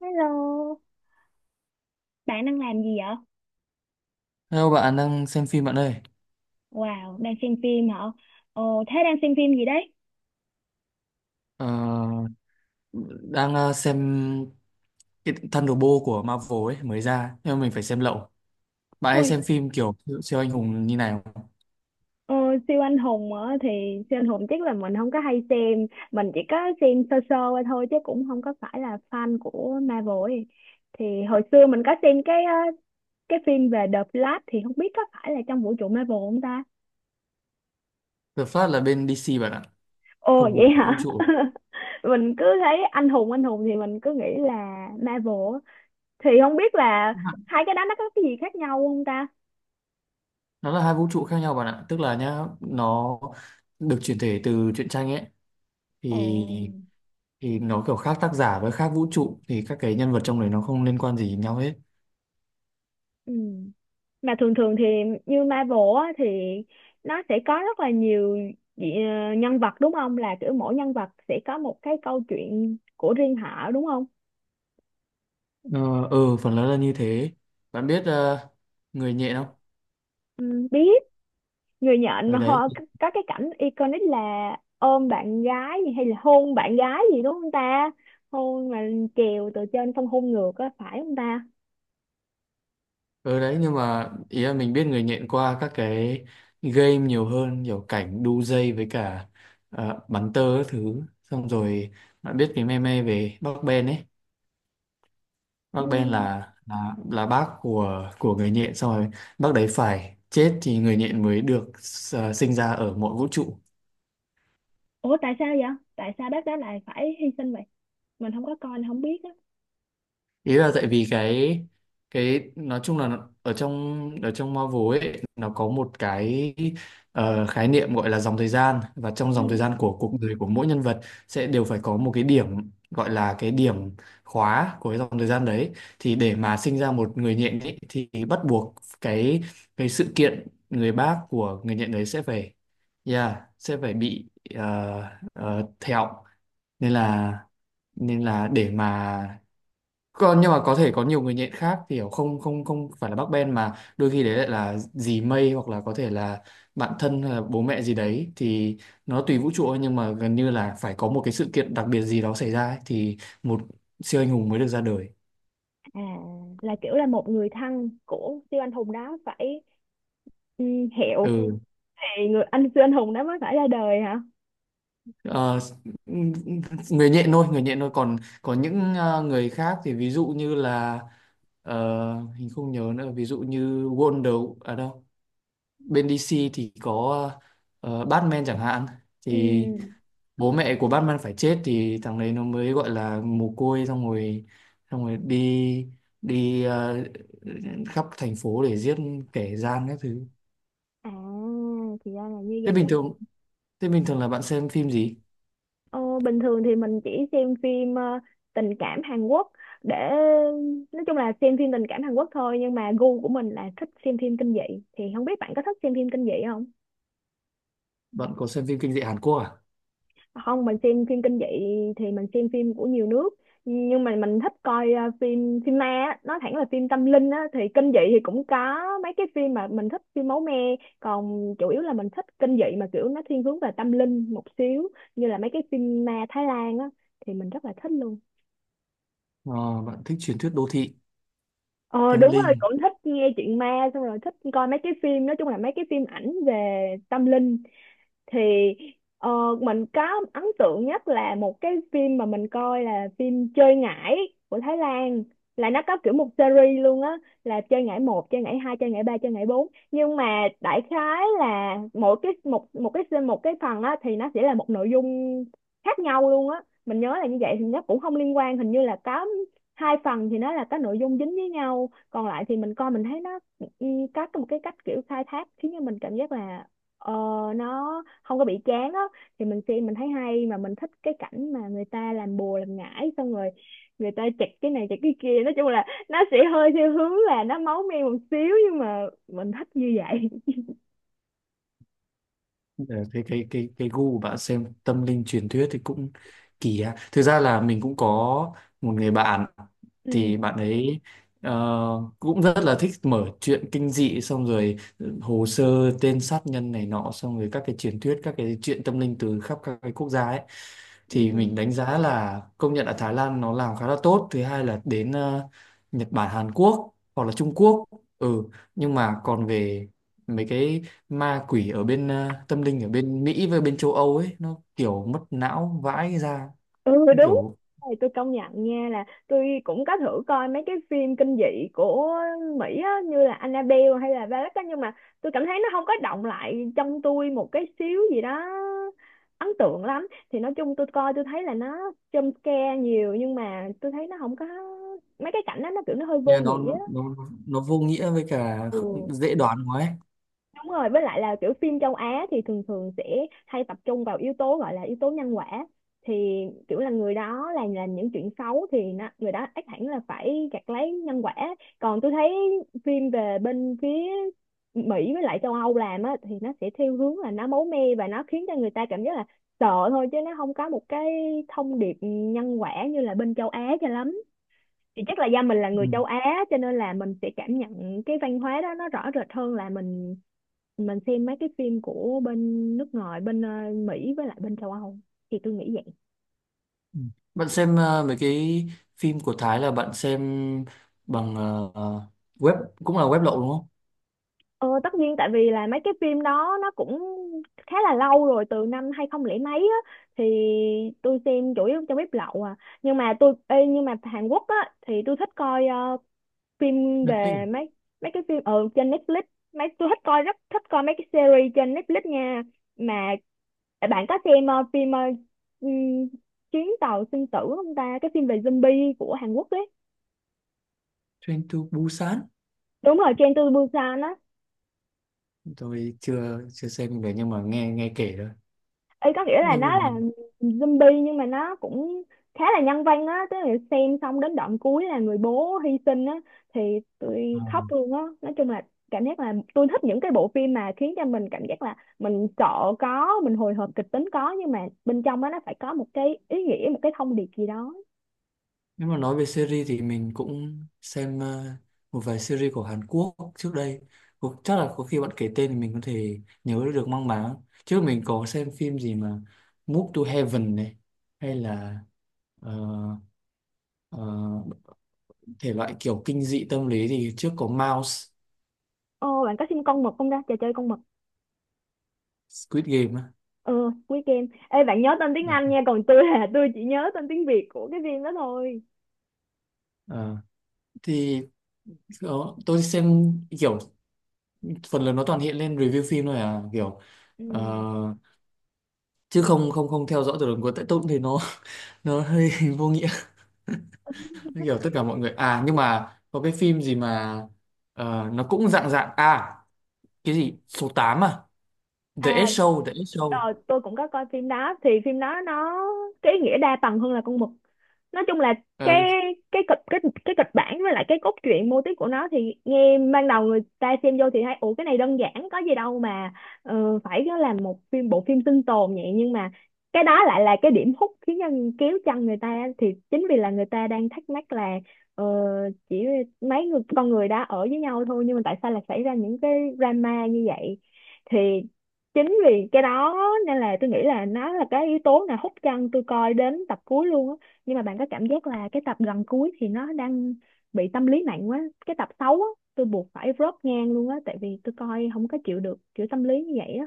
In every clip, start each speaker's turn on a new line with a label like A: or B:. A: Hello, bạn đang làm gì vậy?
B: Hello, bạn đang xem phim bạn ơi.
A: Wow, đang xem phim hả? Ờ, thế đang xem phim gì đấy?
B: Ờ, đang xem cái Thunderbolt của Marvel ấy mới ra nhưng mà mình phải xem lậu. Bạn hay
A: Ôi,
B: xem phim kiểu siêu anh hùng như này không?
A: ờ, siêu anh hùng á thì siêu anh hùng chắc là mình không có hay xem, mình chỉ có xem sơ sơ qua thôi chứ cũng không có phải là fan của Marvel ấy. Thì hồi xưa mình có xem cái phim về The Flash thì không biết có phải là trong vũ trụ Marvel không ta?
B: The Flash là bên DC bạn ạ,
A: Ồ
B: không
A: vậy
B: cùng vũ
A: hả?
B: trụ.
A: Mình cứ thấy anh hùng thì mình cứ nghĩ là Marvel á. Thì không biết là hai cái đó nó có cái gì khác nhau không ta?
B: Nó là hai vũ trụ khác nhau bạn ạ, tức là nhá, nó được chuyển thể từ truyện tranh ấy
A: Ồ.
B: thì thì nó kiểu khác tác giả với khác vũ trụ thì các cái nhân vật trong đấy nó không liên quan gì đến nhau hết.
A: Ừ. Mà thường thường thì như Marvel á, thì nó sẽ có rất là nhiều nhân vật, đúng không? Là kiểu mỗi nhân vật sẽ có một cái câu chuyện của riêng họ, đúng không?
B: Ờ ừ, phần lớn là như thế. Bạn biết người nhện không?
A: Ừ, biết. Người nhện
B: Ở
A: mà
B: đấy.
A: họ có cái cảnh iconic là ôm bạn gái gì hay là hôn bạn gái gì, đúng không ta? Hôn mà trèo từ trên xong hôn ngược á, phải không ta?
B: Ừ đấy, nhưng mà ý là mình biết người nhện qua các cái game nhiều hơn, kiểu cảnh đu dây với cả bắn tơ các thứ. Xong rồi bạn biết cái meme về bác Ben ấy, bác
A: Ừ.
B: Ben là bác của người nhện, xong rồi bác đấy phải chết thì người nhện mới được sinh ra ở mọi vũ trụ.
A: Ủa tại sao vậy? Tại sao bác đó lại phải hy sinh vậy? Mình không có coi, mình không biết á.
B: Ý là tại vì cái nói chung là ở trong Marvel ấy nó có một cái khái niệm gọi là dòng thời gian, và trong
A: Ừ.
B: dòng thời gian của cuộc đời của mỗi nhân vật sẽ đều phải có một cái điểm, gọi là cái điểm khóa của cái dòng thời gian đấy. Thì để mà sinh ra một người nhện ấy, thì bắt buộc cái cái sự kiện người bác của người nhện đấy sẽ phải, yeah, sẽ phải bị, thẹo. Nên là nên là để mà, còn nhưng mà có thể có nhiều người nhện khác, kiểu không không không phải là bác Ben, mà đôi khi đấy lại là dì Mây, hoặc là có thể là bạn thân hay là bố mẹ gì đấy thì nó tùy vũ trụ thôi, nhưng mà gần như là phải có một cái sự kiện đặc biệt gì đó xảy ra ấy, thì một siêu anh hùng mới được ra đời.
A: À, là kiểu là một người thân của siêu anh hùng đó phải, ừ, hiệu
B: Ừ.
A: thì người anh siêu anh hùng đó mới phải ra đời hả?
B: ờ, Người nhện thôi, người nhện thôi, còn có những người khác thì ví dụ như là ờ, mình không nhớ nữa, ví dụ như Wonder ở à đâu, bên DC thì có Batman chẳng hạn, thì
A: Ừ.
B: bố mẹ của Batman phải chết thì thằng đấy nó mới gọi là mồ côi. Xong rồi, xong rồi đi, đi khắp thành phố để giết kẻ gian các thứ.
A: À, thì ra là như
B: thế bình
A: vậy.
B: thường thế bình thường là bạn xem phim gì?
A: Ồ, bình thường thì mình chỉ xem phim tình cảm Hàn Quốc, để nói chung là xem phim tình cảm Hàn Quốc thôi, nhưng mà gu của mình là thích xem phim kinh dị. Thì không biết bạn có thích xem phim kinh dị không?
B: Bạn có xem phim kinh dị Hàn Quốc à?
A: Không, mình xem phim kinh dị thì mình xem phim của nhiều nước, nhưng mà mình thích coi à, phim phim ma á. Nói thẳng là phim tâm linh á, thì kinh dị thì cũng có mấy cái phim mà mình thích phim máu me, còn chủ yếu là mình thích kinh dị mà kiểu nó thiên hướng về tâm linh một xíu, như là mấy cái phim ma Thái Lan á thì mình rất là thích luôn.
B: Ờ, bạn thích truyền thuyết đô thị
A: Ờ
B: tâm
A: đúng rồi,
B: linh.
A: cũng thích nghe chuyện ma xong rồi thích coi mấy cái phim, nói chung là mấy cái phim ảnh về tâm linh. Thì ờ, mình có ấn tượng nhất là một cái phim mà mình coi là phim Chơi Ngải của Thái Lan, là nó có kiểu một series luôn á, là chơi ngải một chơi ngải hai chơi ngải ba chơi ngải bốn, nhưng mà đại khái là mỗi cái một một một cái phần á thì nó sẽ là một nội dung khác nhau luôn á, mình nhớ là như vậy. Thì nó cũng không liên quan, hình như là có hai phần thì nó là có nội dung dính với nhau, còn lại thì mình coi mình thấy nó, ừ, có một cái cách kiểu khai thác khiến cho mình cảm giác là, ờ, nó không có bị chán á. Thì mình xem mình thấy hay, mà mình thích cái cảnh mà người ta làm bùa làm ngải xong rồi người ta chặt cái này chặt cái kia, nói chung là nó sẽ hơi theo hướng là nó máu me một xíu, nhưng mà mình thích như vậy.
B: Ờ, cái gu của bạn xem tâm linh truyền thuyết thì cũng kỳ ha. Thực ra là mình cũng có một người bạn
A: Ừ,
B: thì bạn ấy ờ, cũng rất là thích mở chuyện kinh dị, xong rồi ừ, hồ sơ tên sát nhân này nọ, xong rồi các cái truyền thuyết, các cái chuyện tâm linh từ khắp các cái quốc gia ấy. Thì
A: ừ,
B: mình đánh giá là công nhận là Thái Lan nó làm khá là tốt, thứ hai là đến Nhật Bản, Hàn Quốc, hoặc là Trung Quốc. Ừ, nhưng mà còn về mấy cái ma quỷ ở bên tâm linh ở bên Mỹ với bên châu Âu ấy nó kiểu mất não vãi ra.
A: ừ
B: Nó
A: đúng.
B: kiểu,
A: Này, tôi công nhận nha là tôi cũng có thử coi mấy cái phim kinh dị của Mỹ á, như là Annabelle hay là Valak á, nhưng mà tôi cảm thấy nó không có động lại trong tôi một cái xíu gì đó ấn tượng lắm. Thì nói chung tôi coi tôi thấy là nó jump scare nhiều, nhưng mà tôi thấy nó không có, mấy cái cảnh đó nó kiểu nó hơi vô
B: như nó,
A: nghĩa á.
B: nó nó vô nghĩa với cả
A: Ừ,
B: dễ đoán quá ấy.
A: đúng rồi, với lại là kiểu phim châu Á thì thường thường sẽ hay tập trung vào yếu tố, gọi là yếu tố nhân quả. Thì kiểu là người đó làm những chuyện xấu thì nó, người đó ắt hẳn là phải gặt lấy nhân quả. Còn tôi thấy phim về bên phía Mỹ với lại châu Âu làm á, thì nó sẽ theo hướng là nó máu me, và nó khiến cho người ta cảm giác là sợ thôi, chứ nó không có một cái thông điệp nhân quả như là bên châu Á cho lắm. Thì chắc là do mình là người
B: Ừ.
A: châu Á cho nên là mình sẽ cảm nhận cái văn hóa đó nó rõ rệt hơn là mình xem mấy cái phim của bên nước ngoài bên Mỹ với lại bên châu Âu, thì tôi nghĩ vậy.
B: Ừ. Bạn xem mấy cái phim của Thái là bạn xem bằng web, cũng là web lậu đúng không?
A: Ờ, tất nhiên tại vì là mấy cái phim đó nó cũng khá là lâu rồi, từ năm 2000 mấy á, thì tôi xem chủ yếu trong bếp lậu à. Nhưng mà tôi ê, nhưng mà Hàn Quốc á thì tôi thích coi ờ, phim
B: Netflix
A: về
B: à?
A: mấy mấy cái phim ở trên Netflix. Mấy tôi thích coi, rất thích coi mấy cái series trên Netflix nha. Mà bạn có xem ừm, chuyến tàu sinh tử không ta, cái phim về zombie của Hàn Quốc ấy?
B: Train to Busan.
A: Đúng rồi, Train to Busan á.
B: Tôi chưa chưa xem được nhưng mà nghe, nghe kể thôi.
A: Ý có nghĩa là
B: Nhưng mà
A: nó là zombie nhưng mà nó cũng khá là nhân văn á, tức là xem xong đến đoạn cuối là người bố hy sinh á, thì
B: ờ,
A: tôi khóc luôn á. Nói chung là cảm giác là tôi thích những cái bộ phim mà khiến cho mình cảm giác là mình sợ có, mình hồi hộp kịch tính có, nhưng mà bên trong đó nó phải có một cái ý nghĩa, một cái thông điệp gì đó.
B: nếu mà nói về series thì mình cũng xem một vài series của Hàn Quốc trước đây. Chắc là có khi bạn kể tên thì mình có thể nhớ được mang máng. Trước mình có xem phim gì mà Move to Heaven này, hay là ờ, ờ, thể loại kiểu kinh dị tâm lý thì trước có Mouse.
A: Ô, bạn có xem con mực không ta, trò chơi con mực?
B: Squid Game á.
A: Ừ, cuối game ê, bạn nhớ tên tiếng
B: Ờ,
A: Anh nha, còn tôi là tôi chỉ nhớ tên tiếng Việt của cái phim đó thôi.
B: ờ. Thì ờ, tôi xem kiểu phần lớn nó toàn hiện lên review phim thôi à, kiểu ờ,
A: Ừ.
B: chứ không không không theo dõi từ đầu cuối, tại tôi cũng thấy nó nó hơi vô nghĩa. Nó kiểu tất cả mọi người, à nhưng mà có cái phim gì mà nó cũng dạng dạng, à cái gì số 8 à,
A: À.
B: The Ed Show.
A: Ờ, tôi cũng có coi phim đó, thì phim đó nó cái ý nghĩa đa tầng hơn là con mực. Nói chung là
B: Ờ,
A: cái cái cái kịch bản với lại cái cốt truyện mô típ của nó, thì nghe ban đầu người ta xem vô thì thấy ủa cái này đơn giản có gì đâu mà phải nó làm một phim bộ phim sinh tồn vậy, nhưng mà cái đó lại là cái điểm hút khiến nhân kéo chân người ta. Thì chính vì là người ta đang thắc mắc là, ờ, chỉ mấy người con người đã ở với nhau thôi, nhưng mà tại sao lại xảy ra những cái drama như vậy. Thì chính vì cái đó nên là tôi nghĩ là nó là cái yếu tố nào hút chân tôi coi đến tập cuối luôn á. Nhưng mà bạn có cảm giác là cái tập gần cuối thì nó đang bị tâm lý nặng quá, cái tập xấu á, tôi buộc phải rớt ngang luôn á, tại vì tôi coi không có chịu được kiểu tâm lý như vậy á.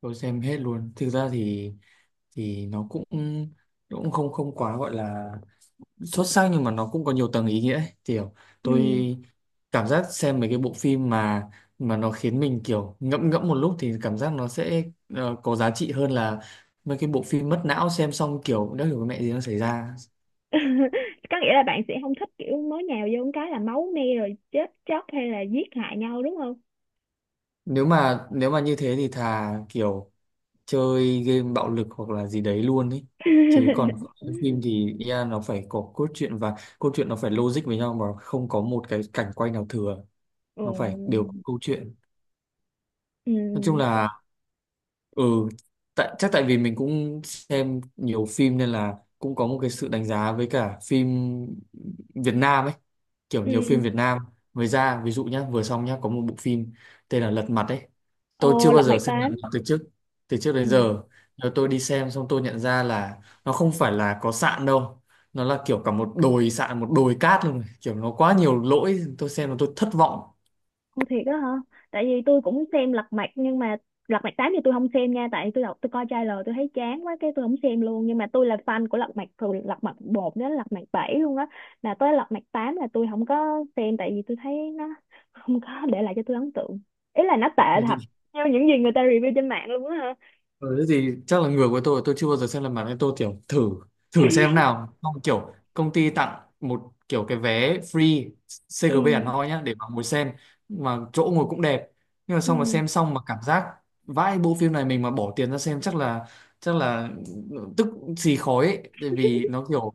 B: tôi xem hết luôn thực ra. Thì nó cũng cũng không không quá gọi là xuất sắc, nhưng mà nó cũng có nhiều tầng ý nghĩa ấy. Kiểu tôi
A: Ừ.
B: cảm giác xem mấy cái bộ phim mà nó khiến mình kiểu ngẫm ngẫm một lúc thì cảm giác nó sẽ có giá trị hơn là mấy cái bộ phim mất não xem xong kiểu đã hiểu cái mẹ gì nó xảy ra.
A: Có nghĩa là bạn sẽ không thích kiểu mới nhào vô một cái là máu me rồi chết chóc hay là giết hại nhau, đúng không?
B: Nếu mà như thế thì thà kiểu chơi game bạo lực hoặc là gì đấy luôn ấy, chứ còn phim thì yeah, nó phải có cốt truyện, và cốt truyện nó phải logic với nhau, mà không có một cái cảnh quay nào thừa,
A: Ừ.
B: nó phải đều có câu chuyện.
A: Ừ,
B: Nói chung là ừ, tại chắc tại vì mình cũng xem nhiều phim nên là cũng có một cái sự đánh giá với cả phim Việt Nam ấy. Kiểu nhiều
A: ừ.
B: phim Việt Nam mới ra, ví dụ nhá, vừa xong nhá, có một bộ phim tên là Lật Mặt ấy. Tôi chưa
A: Ồ,
B: bao
A: lật
B: giờ
A: mặt
B: xem Lật
A: tám.
B: Mặt từ trước đến
A: Ừ.
B: giờ. Rồi tôi đi xem xong tôi nhận ra là nó không phải là có sạn đâu, nó là kiểu cả một đồi sạn, một đồi cát luôn, kiểu nó quá nhiều lỗi, tôi xem mà tôi thất vọng.
A: Ồ thiệt đó hả? Tại vì tôi cũng xem Lật Mặt, nhưng mà Lật Mặt 8 thì tôi không xem nha, tại tôi đọc tôi coi trailer tôi thấy chán quá, cái tôi không xem luôn. Nhưng mà tôi là fan của Lật Mặt từ Lật Mặt 1 đến Lật Mặt 7 luôn á. Là tới Lật Mặt 8 là tôi không có xem, tại vì tôi thấy nó không có để lại cho tôi ấn tượng. Ý là nó tệ
B: Thế
A: thật.
B: thì,
A: Theo những gì người ta review trên mạng luôn á hả?
B: ừ, thế thì chắc là người của tôi chưa bao giờ xem lần bản nên tôi kiểu thử, thử xem nào, xong kiểu công ty tặng một kiểu cái vé free CGV Hà
A: Ừ,
B: Nội nhá, để mà ngồi xem, mà chỗ ngồi cũng đẹp. Nhưng mà xong mà
A: ừ,
B: xem xong mà cảm giác vãi, bộ phim này mình mà bỏ tiền ra xem chắc là, chắc là tức xì khói ấy, tại vì nó kiểu,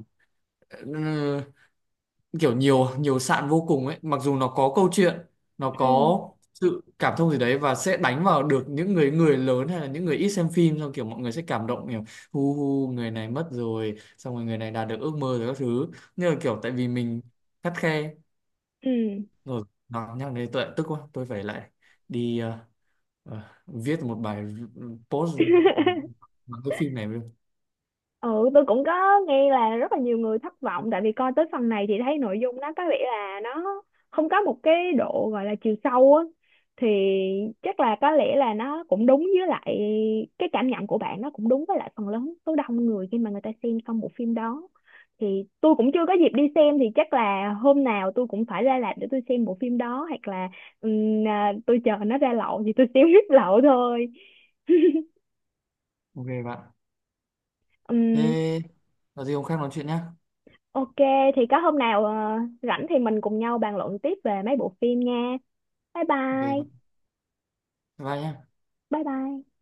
B: kiểu nhiều nhiều sạn vô cùng ấy, mặc dù nó có câu chuyện, nó
A: ừ,
B: có sự cảm thông gì đấy, và sẽ đánh vào được những người người lớn hay là những người ít xem phim, xong kiểu mọi người sẽ cảm động, kiểu hu hu người này mất rồi, xong rồi người này đạt được ước mơ rồi các thứ. Nhưng mà kiểu tại vì mình khắt khe
A: ừ.
B: rồi, nó nhắc đến tuệ tức quá, tôi phải lại đi viết một bài post bằng cái phim này luôn.
A: Ừ, tôi cũng có nghe là rất là nhiều người thất vọng, tại vì coi tới phần này thì thấy nội dung nó có vẻ là nó không có một cái độ gọi là chiều sâu á. Thì chắc là có lẽ là nó cũng đúng với lại cái cảm nhận của bạn, nó cũng đúng với lại phần lớn số đông người khi mà người ta xem xong bộ phim đó. Thì tôi cũng chưa có dịp đi xem, thì chắc là hôm nào tôi cũng phải ra rạp để tôi xem bộ phim đó, hoặc là à, tôi chờ nó ra lậu thì tôi xem hết lậu thôi.
B: Ok bạn,
A: Ừm.
B: thế có gì hôm khác nói chuyện nhá.
A: Ok, thì có hôm nào rảnh thì mình cùng nhau bàn luận tiếp về mấy bộ phim nha. Bye
B: Ok bạn.
A: bye.
B: Bye nhá.
A: Bye bye.